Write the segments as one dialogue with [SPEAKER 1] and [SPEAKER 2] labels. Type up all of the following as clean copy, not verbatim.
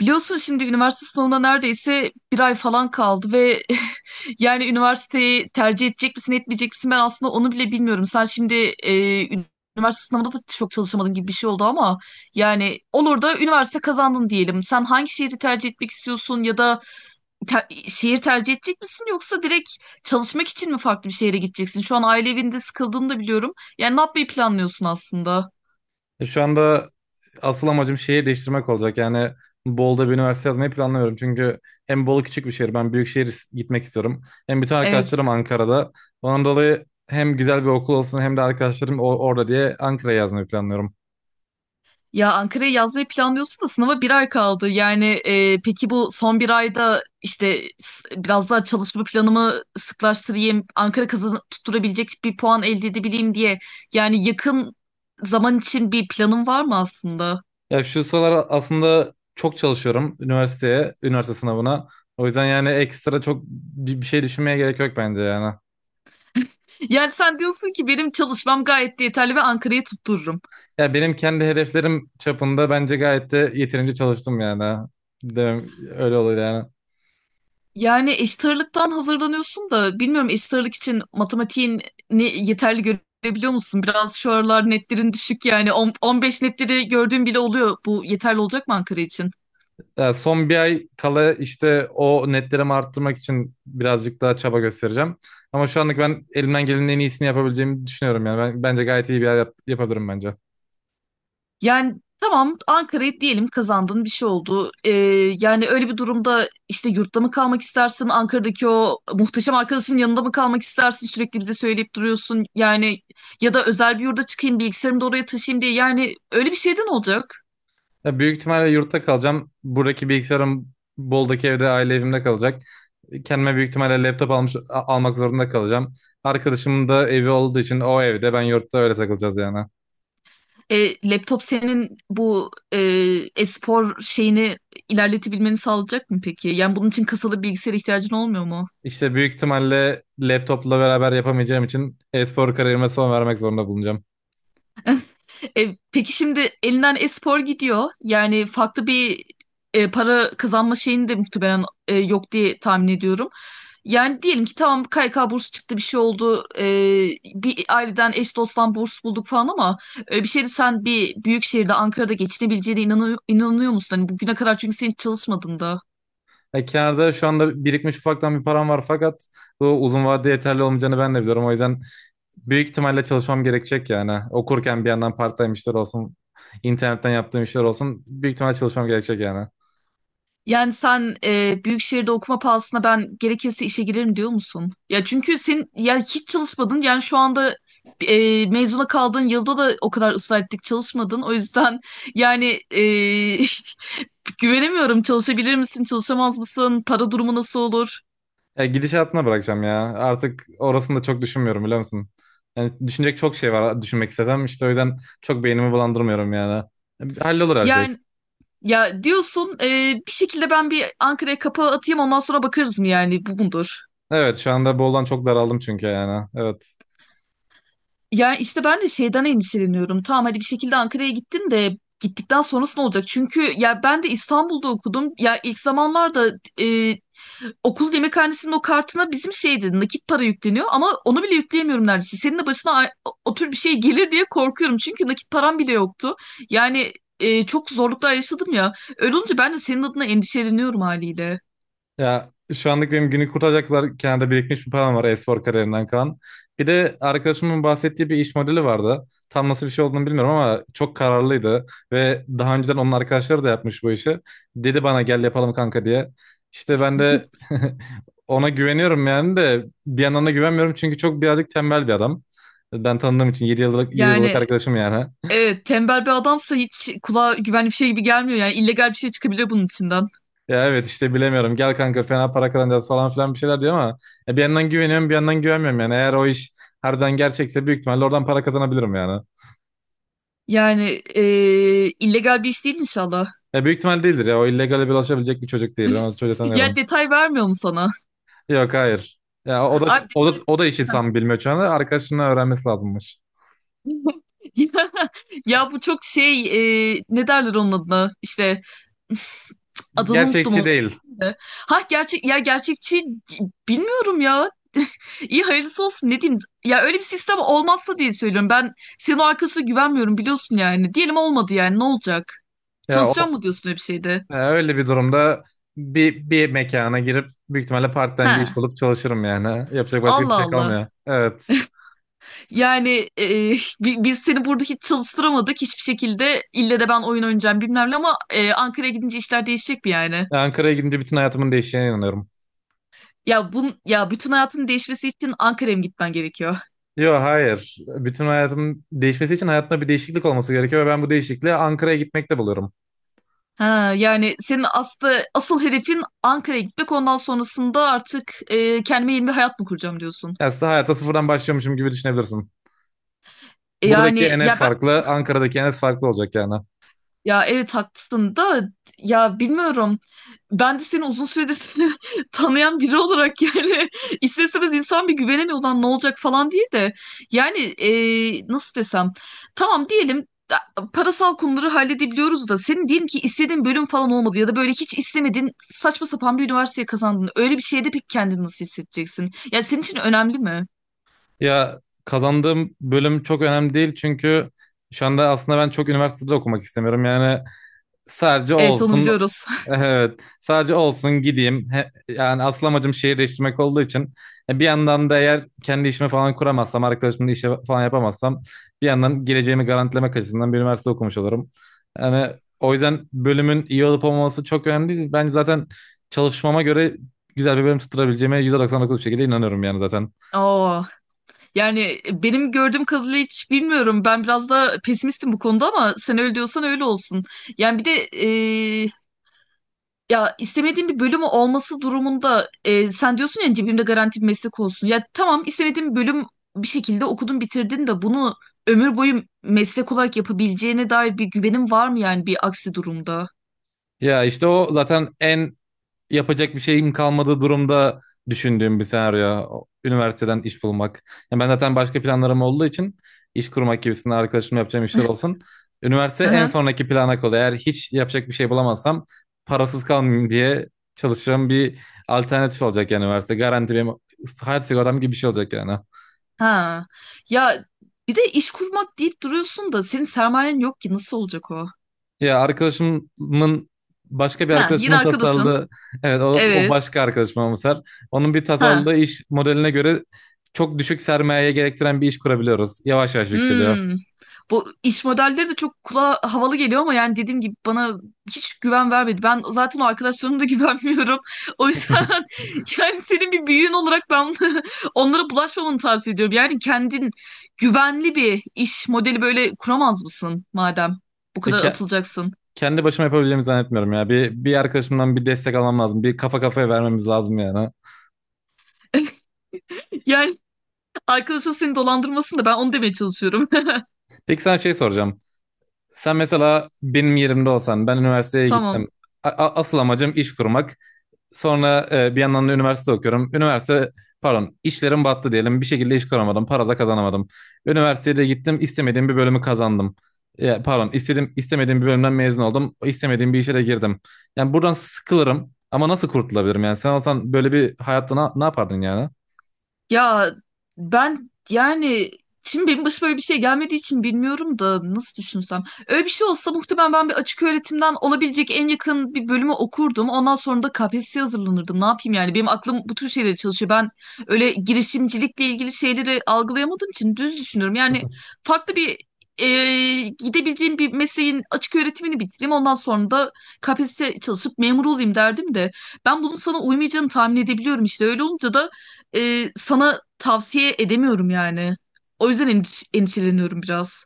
[SPEAKER 1] Biliyorsun şimdi üniversite sınavına neredeyse bir ay falan kaldı ve yani üniversiteyi tercih edecek misin etmeyecek misin, ben aslında onu bile bilmiyorum. Sen şimdi e, üniversite sınavında da çok çalışamadın gibi bir şey oldu ama yani olur da üniversite kazandın diyelim. Sen hangi şehri tercih etmek istiyorsun ya da şehir tercih edecek misin yoksa direkt çalışmak için mi farklı bir şehre gideceksin? Şu an aile evinde sıkıldığını da biliyorum. Yani ne yapmayı planlıyorsun aslında?
[SPEAKER 2] E, şu anda asıl amacım şehir değiştirmek olacak. Yani Bolu'da bir üniversite yazmayı planlamıyorum. Çünkü hem Bolu küçük bir şehir, ben büyük şehir gitmek istiyorum. Hem bütün
[SPEAKER 1] Evet.
[SPEAKER 2] arkadaşlarım Ankara'da. Ondan dolayı hem güzel bir okul olsun hem de arkadaşlarım orada diye Ankara'ya yazmayı planlıyorum.
[SPEAKER 1] Ya Ankara'ya yazmayı planlıyorsun da sınava bir ay kaldı. Yani peki bu son bir ayda işte biraz daha çalışma planımı sıklaştırayım, Ankara kazan tutturabilecek bir puan elde edebileyim diye. Yani yakın zaman için bir planın var mı aslında?
[SPEAKER 2] Ya şu sıralar aslında çok çalışıyorum üniversiteye, üniversite sınavına. O yüzden yani ekstra çok bir şey düşünmeye gerek yok bence yani.
[SPEAKER 1] Yani sen diyorsun ki benim çalışmam gayet de yeterli ve Ankara'yı tuttururum.
[SPEAKER 2] Ya benim kendi hedeflerim çapında bence gayet de yeterince çalıştım yani. Demem, öyle olur yani.
[SPEAKER 1] Yani eşit ağırlıktan hazırlanıyorsun da bilmiyorum, eşit ağırlık için matematiğin yeterli görebiliyor musun? Biraz şu aralar netlerin düşük, yani 15 netleri gördüğüm bile oluyor. Bu yeterli olacak mı Ankara için?
[SPEAKER 2] Ya son bir ay kala işte o netlerimi arttırmak için birazcık daha çaba göstereceğim. Ama şu anlık ben elimden gelenin en iyisini yapabileceğimi düşünüyorum yani. Ben, bence gayet iyi bir yer yapabilirim bence.
[SPEAKER 1] Yani tamam, Ankara'yı diyelim kazandın, bir şey oldu. Yani öyle bir durumda işte yurtta mı kalmak istersin? Ankara'daki o muhteşem arkadaşın yanında mı kalmak istersin? Sürekli bize söyleyip duruyorsun. Yani ya da özel bir yurda çıkayım, bilgisayarımı da oraya taşıyayım diye. Yani öyle bir şeyden olacak.
[SPEAKER 2] Ya büyük ihtimalle yurtta kalacağım. Buradaki bilgisayarım Bol'daki evde aile evimde kalacak. Kendime büyük ihtimalle laptop almak zorunda kalacağım. Arkadaşımın da evi olduğu için o evde ben yurtta öyle takılacağız yani.
[SPEAKER 1] Laptop senin bu e-spor şeyini ilerletebilmeni sağlayacak mı peki? Yani bunun için kasalı bilgisayara ihtiyacın olmuyor mu?
[SPEAKER 2] İşte büyük ihtimalle laptopla beraber yapamayacağım için e-spor kariyerime son vermek zorunda bulunacağım.
[SPEAKER 1] Peki şimdi elinden e-spor gidiyor. Yani farklı bir para kazanma şeyini de muhtemelen yok diye tahmin ediyorum. Yani diyelim ki tamam, KYK bursu çıktı, bir şey oldu. Bir aileden eş dosttan burs bulduk falan ama bir şeyde sen bir büyük şehirde, Ankara'da geçinebileceğine inanıyor musun? Hani bugüne kadar çünkü sen hiç çalışmadın da.
[SPEAKER 2] E, kenarda şu anda birikmiş ufaktan bir param var fakat bu uzun vadede yeterli olmayacağını ben de biliyorum. O yüzden büyük ihtimalle çalışmam gerekecek yani. Okurken bir yandan part-time işler olsun, internetten yaptığım işler olsun büyük ihtimalle çalışmam gerekecek yani.
[SPEAKER 1] Yani sen büyük şehirde okuma pahasına ben gerekirse işe girerim diyor musun? Ya çünkü sen ya hiç çalışmadın. Yani şu anda mezuna kaldığın yılda da o kadar ısrar ettik, çalışmadın. O yüzden yani e, güvenemiyorum. Çalışabilir misin, çalışamaz mısın? Para durumu nasıl olur?
[SPEAKER 2] E, gidişatına bırakacağım ya. Artık orasını da çok düşünmüyorum biliyor musun? Yani düşünecek çok şey var düşünmek istesem işte o yüzden çok beynimi bulandırmıyorum yani. E, hallolur her şey.
[SPEAKER 1] Yani ya diyorsun bir şekilde ben bir Ankara'ya kapağı atayım, ondan sonra bakarız mı, yani bu mudur?
[SPEAKER 2] Evet şu anda boldan çok daraldım çünkü yani. Evet.
[SPEAKER 1] Yani işte ben de şeyden endişeleniyorum. Tamam, hadi bir şekilde Ankara'ya gittin de gittikten sonrası ne olacak? Çünkü ya ben de İstanbul'da okudum. Ya ilk zamanlarda e, okul yemekhanesinin o kartına bizim şeydi, nakit para yükleniyor ama onu bile yükleyemiyorum neredeyse. Senin de başına o tür bir şey gelir diye korkuyorum. Çünkü nakit param bile yoktu. Yani çok zorluklar yaşadım ya. Öyle olunca ben de senin adına endişeleniyorum haliyle.
[SPEAKER 2] Ya şu anlık benim günü kurtaracaklar kenarda birikmiş bir param var e-spor kariyerinden kalan. Bir de arkadaşımın bahsettiği bir iş modeli vardı. Tam nasıl bir şey olduğunu bilmiyorum ama çok kararlıydı. Ve daha önceden onun arkadaşları da yapmış bu işi. Dedi bana gel yapalım kanka diye. İşte ben de ona güveniyorum yani de bir yandan da güvenmiyorum çünkü çok birazcık tembel bir adam. Ben tanıdığım için 7 yıllık, 7 yıllık
[SPEAKER 1] Yani
[SPEAKER 2] arkadaşım yani.
[SPEAKER 1] evet, tembel bir adamsa hiç kulağa güvenli bir şey gibi gelmiyor. Yani illegal bir şey çıkabilir bunun içinden.
[SPEAKER 2] Ya evet işte bilemiyorum. Gel kanka fena para kazanacağız falan filan bir şeyler diyor ama ya bir yandan güveniyorum bir yandan güvenmiyorum yani. Eğer o iş harbiden gerçekse büyük ihtimalle oradan para kazanabilirim yani.
[SPEAKER 1] Yani illegal bir iş değil inşallah.
[SPEAKER 2] Ya büyük ihtimal değildir ya. O illegale bulaşabilecek bir çocuk değil. Ben o çocuğu
[SPEAKER 1] Ya
[SPEAKER 2] tanıyorum.
[SPEAKER 1] detay vermiyor mu sana?
[SPEAKER 2] Yok hayır. Ya o da
[SPEAKER 1] Abi
[SPEAKER 2] o da o da işi tam bilmiyor şu anda. Arkadaşının öğrenmesi lazımmış.
[SPEAKER 1] ya, ya bu çok şey, ne derler onun adına? İşte adını unuttum.
[SPEAKER 2] Gerçekçi
[SPEAKER 1] O.
[SPEAKER 2] değil.
[SPEAKER 1] Ha gerçek ya gerçekçi, bilmiyorum ya. İyi hayırlısı olsun, ne diyeyim. Ya öyle bir sistem olmazsa diye söylüyorum. Ben senin o arkasına güvenmiyorum, biliyorsun yani. Diyelim olmadı, yani ne olacak?
[SPEAKER 2] Ya o
[SPEAKER 1] Çalışacağım mı diyorsun öyle bir şeyde?
[SPEAKER 2] Ya öyle bir durumda bir mekana girip büyük ihtimalle part-time bir
[SPEAKER 1] He.
[SPEAKER 2] iş bulup çalışırım yani. Yapacak başka bir
[SPEAKER 1] Allah
[SPEAKER 2] şey
[SPEAKER 1] Allah.
[SPEAKER 2] kalmıyor. Evet.
[SPEAKER 1] Yani biz seni burada hiç çalıştıramadık hiçbir şekilde. İlle de ben oyun oynayacağım bilmem ne ama Ankara'ya gidince işler değişecek mi yani?
[SPEAKER 2] Ankara'ya gidince bütün hayatımın değişeceğine inanıyorum.
[SPEAKER 1] Ya bun ya bütün hayatının değişmesi için Ankara'ya mı gitmen gerekiyor?
[SPEAKER 2] Yok hayır. Bütün hayatım değişmesi için hayatımda bir değişiklik olması gerekiyor ve ben bu değişikliği Ankara'ya gitmekte buluyorum.
[SPEAKER 1] Ha, yani senin aslı asıl hedefin Ankara'ya gitmek, ondan sonrasında artık kendime yeni bir hayat mı kuracağım diyorsun.
[SPEAKER 2] Yani aslında hayata sıfırdan başlıyormuşum gibi düşünebilirsin. Buradaki
[SPEAKER 1] Yani
[SPEAKER 2] Enes
[SPEAKER 1] ya ben.
[SPEAKER 2] farklı, Ankara'daki Enes farklı olacak yani.
[SPEAKER 1] Ya evet haklısın da ya, bilmiyorum. Ben de seni uzun süredir tanıyan biri olarak, yani ister istemez insan bir güvenemiyor, ulan ne olacak falan diye de. Yani nasıl desem, tamam diyelim parasal konuları halledebiliyoruz da, senin diyelim ki istediğin bölüm falan olmadı ya da böyle hiç istemediğin saçma sapan bir üniversiteye kazandın. Öyle bir şeyde pek kendini nasıl hissedeceksin? Ya senin için önemli mi?
[SPEAKER 2] Ya kazandığım bölüm çok önemli değil çünkü şu anda aslında ben çok üniversitede okumak istemiyorum. Yani sadece
[SPEAKER 1] Evet, onu
[SPEAKER 2] olsun.
[SPEAKER 1] biliyoruz.
[SPEAKER 2] Evet. Sadece olsun gideyim. Yani asıl amacım şehirleştirmek olduğu için e, bir yandan da eğer kendi işimi falan kuramazsam, arkadaşımla işe falan yapamazsam bir yandan geleceğimi garantilemek açısından bir üniversite okumuş olurum. Yani o yüzden bölümün iyi olup olmaması çok önemli değil. Ben zaten çalışmama göre güzel bir bölüm tutturabileceğime %99 bir şekilde inanıyorum yani zaten.
[SPEAKER 1] Aa. Yani benim gördüğüm kadarıyla hiç bilmiyorum. Ben biraz da pesimistim bu konuda ama sen öyle diyorsan öyle olsun. Yani bir de e, ya istemediğim bir bölüm olması durumunda sen diyorsun ya cebimde garanti bir meslek olsun. Ya tamam, istemediğim bir bölüm bir şekilde okudun bitirdin de bunu ömür boyu meslek olarak yapabileceğine dair bir güvenim var mı yani bir aksi durumda?
[SPEAKER 2] Ya işte o zaten en yapacak bir şeyim kalmadığı durumda düşündüğüm bir senaryo. Üniversiteden iş bulmak. Yani ben zaten başka planlarım olduğu için iş kurmak gibisinden arkadaşımla yapacağım işler olsun. Üniversite
[SPEAKER 1] Hı
[SPEAKER 2] en
[SPEAKER 1] hı.
[SPEAKER 2] sonraki plana kalıyor. Eğer hiç yapacak bir şey bulamazsam parasız kalmayayım diye çalışacağım bir alternatif olacak yani üniversite. Garanti benim hayat sigortam gibi bir şey olacak yani.
[SPEAKER 1] Ha. Ya bir de iş kurmak deyip duruyorsun da senin sermayen yok ki, nasıl olacak o?
[SPEAKER 2] Ya arkadaşımın başka bir
[SPEAKER 1] Ha, yine
[SPEAKER 2] arkadaşımın
[SPEAKER 1] arkadaşın.
[SPEAKER 2] tasarladığı evet o, o
[SPEAKER 1] Evet.
[SPEAKER 2] başka arkadaşım ama Ser. Onun bir tasarladığı
[SPEAKER 1] Ha.
[SPEAKER 2] iş modeline göre çok düşük sermayeye gerektiren bir iş kurabiliyoruz. Yavaş yavaş yükseliyor.
[SPEAKER 1] Hmm. Bu iş modelleri de çok kulağa havalı geliyor ama yani dediğim gibi bana hiç güven vermedi. Ben zaten o arkadaşlarıma da güvenmiyorum. O yüzden yani senin bir büyüğün olarak ben onlara bulaşmamanı tavsiye ediyorum. Yani kendin güvenli bir iş modeli böyle kuramaz mısın madem bu
[SPEAKER 2] E,
[SPEAKER 1] kadar atılacaksın?
[SPEAKER 2] kendi başıma yapabileceğimi zannetmiyorum ya. Bir arkadaşımdan bir destek almam lazım. Bir kafa kafaya vermemiz lazım yani.
[SPEAKER 1] Yani arkadaşın seni dolandırmasın da, ben onu demeye çalışıyorum.
[SPEAKER 2] Peki sana şey soracağım. Sen mesela benim yerimde olsan ben üniversiteye gittim.
[SPEAKER 1] Tamam.
[SPEAKER 2] Asıl amacım iş kurmak. Sonra e, bir yandan da üniversite okuyorum. Pardon, işlerim battı diyelim. Bir şekilde iş kuramadım. Para da kazanamadım. Üniversitede gittim istemediğim bir bölümü kazandım. Ya, pardon istemediğim bir bölümden mezun oldum. İstemediğim bir işe de girdim. Yani buradan sıkılırım ama nasıl kurtulabilirim yani? Sen olsan böyle bir hayatta ne yapardın yani?
[SPEAKER 1] Ya ben yani şimdi benim başıma öyle bir şey gelmediği için bilmiyorum da nasıl düşünsem. Öyle bir şey olsa muhtemelen ben bir açık öğretimden olabilecek en yakın bir bölümü okurdum. Ondan sonra da KPSS'ye hazırlanırdım. Ne yapayım yani? Benim aklım bu tür şeylere çalışıyor. Ben öyle girişimcilikle ilgili şeyleri algılayamadığım için düz düşünüyorum. Yani farklı bir e, gidebileceğim bir mesleğin açık öğretimini bitireyim. Ondan sonra da KPSS'ye çalışıp memur olayım derdim de. Ben bunun sana uymayacağını tahmin edebiliyorum işte. Öyle olunca da sana tavsiye edemiyorum yani. O yüzden endişeleniyorum biraz.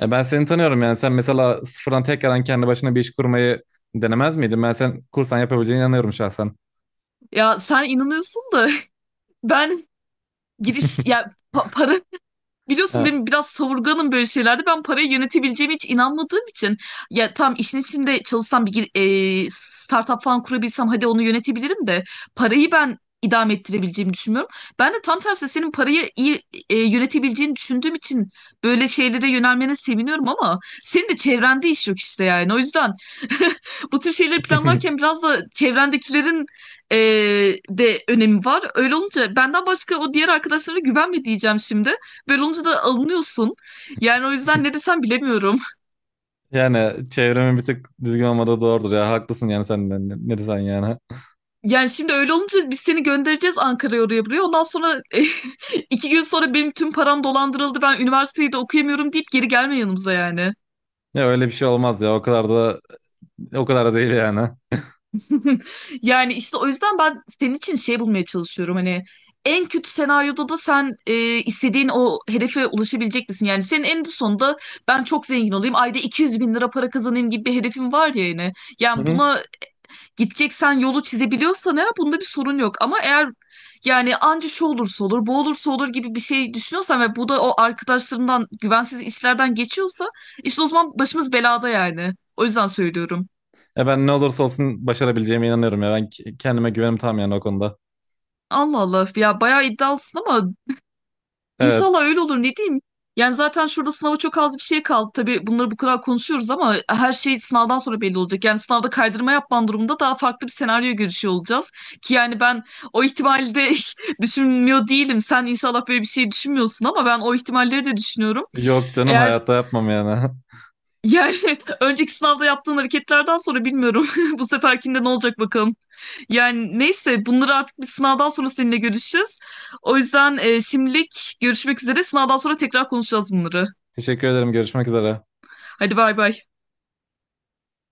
[SPEAKER 2] Ya ben seni tanıyorum yani sen mesela sıfırdan tekrardan kendi başına bir iş kurmayı denemez miydin? Ben sen kursan yapabileceğine inanıyorum şahsen.
[SPEAKER 1] Ya sen inanıyorsun da ben para. Biliyorsun
[SPEAKER 2] Ha.
[SPEAKER 1] benim biraz savurganım böyle şeylerde. Ben parayı yönetebileceğime hiç inanmadığım için ya tam işin içinde çalışsam bir startup falan kurabilsem hadi onu yönetebilirim de parayı ben idame ettirebileceğimi düşünmüyorum. Ben de tam tersi senin parayı iyi yönetebileceğini düşündüğüm için böyle şeylere yönelmene seviniyorum ama senin de çevrende iş yok işte yani. O yüzden bu tür şeyleri planlarken biraz da çevrendekilerin e, de önemi var. Öyle olunca benden başka o diğer arkadaşlarına güvenme diyeceğim şimdi. Böyle olunca da alınıyorsun. Yani o yüzden ne desem bilemiyorum.
[SPEAKER 2] Yani çevremin bir tık düzgün olmadığı doğrudur ya. Haklısın yani sen de. Ne desen yani.
[SPEAKER 1] Yani şimdi öyle olunca biz seni göndereceğiz Ankara'ya, oraya buraya. Ondan sonra 2 gün sonra benim tüm param dolandırıldı. Ben üniversiteyi de okuyamıyorum deyip geri gelme yanımıza yani.
[SPEAKER 2] Ya öyle bir şey olmaz ya. O kadar da o kadar da değil yani.
[SPEAKER 1] Yani işte o yüzden ben senin için şey bulmaya çalışıyorum. Hani en kötü senaryoda da sen istediğin o hedefe ulaşabilecek misin? Yani senin en sonunda ben çok zengin olayım, ayda 200 bin lira para kazanayım gibi bir hedefim var ya yine.
[SPEAKER 2] Hı
[SPEAKER 1] Yani
[SPEAKER 2] hı.
[SPEAKER 1] buna gideceksen yolu çizebiliyorsan eğer bunda bir sorun yok. Ama eğer yani anca şu olursa olur, bu olursa olur gibi bir şey düşünüyorsan ve bu da o arkadaşlarından güvensiz işlerden geçiyorsa işte o zaman başımız belada yani. O yüzden söylüyorum.
[SPEAKER 2] Ya ben ne olursa olsun başarabileceğime inanıyorum ya. Ben kendime güvenim tam yani o konuda.
[SPEAKER 1] Allah Allah, ya bayağı iddialısın ama
[SPEAKER 2] Evet.
[SPEAKER 1] İnşallah öyle olur, ne diyeyim. Yani zaten şurada sınava çok az bir şey kaldı. Tabii bunları bu kadar konuşuyoruz ama her şey sınavdan sonra belli olacak. Yani sınavda kaydırma yapman durumunda daha farklı bir senaryo görüşüyor olacağız. Ki yani ben o ihtimali de düşünmüyor değilim. Sen inşallah böyle bir şey düşünmüyorsun ama ben o ihtimalleri de düşünüyorum.
[SPEAKER 2] Yok canım
[SPEAKER 1] Eğer
[SPEAKER 2] hayatta yapmam yani.
[SPEAKER 1] yani önceki sınavda yaptığın hareketlerden sonra bilmiyorum. Bu seferkinde ne olacak bakalım. Yani neyse bunları artık bir sınavdan sonra seninle görüşeceğiz. O yüzden şimdilik görüşmek üzere. Sınavdan sonra tekrar konuşacağız bunları.
[SPEAKER 2] Teşekkür ederim. Görüşmek üzere.
[SPEAKER 1] Hadi bay bay.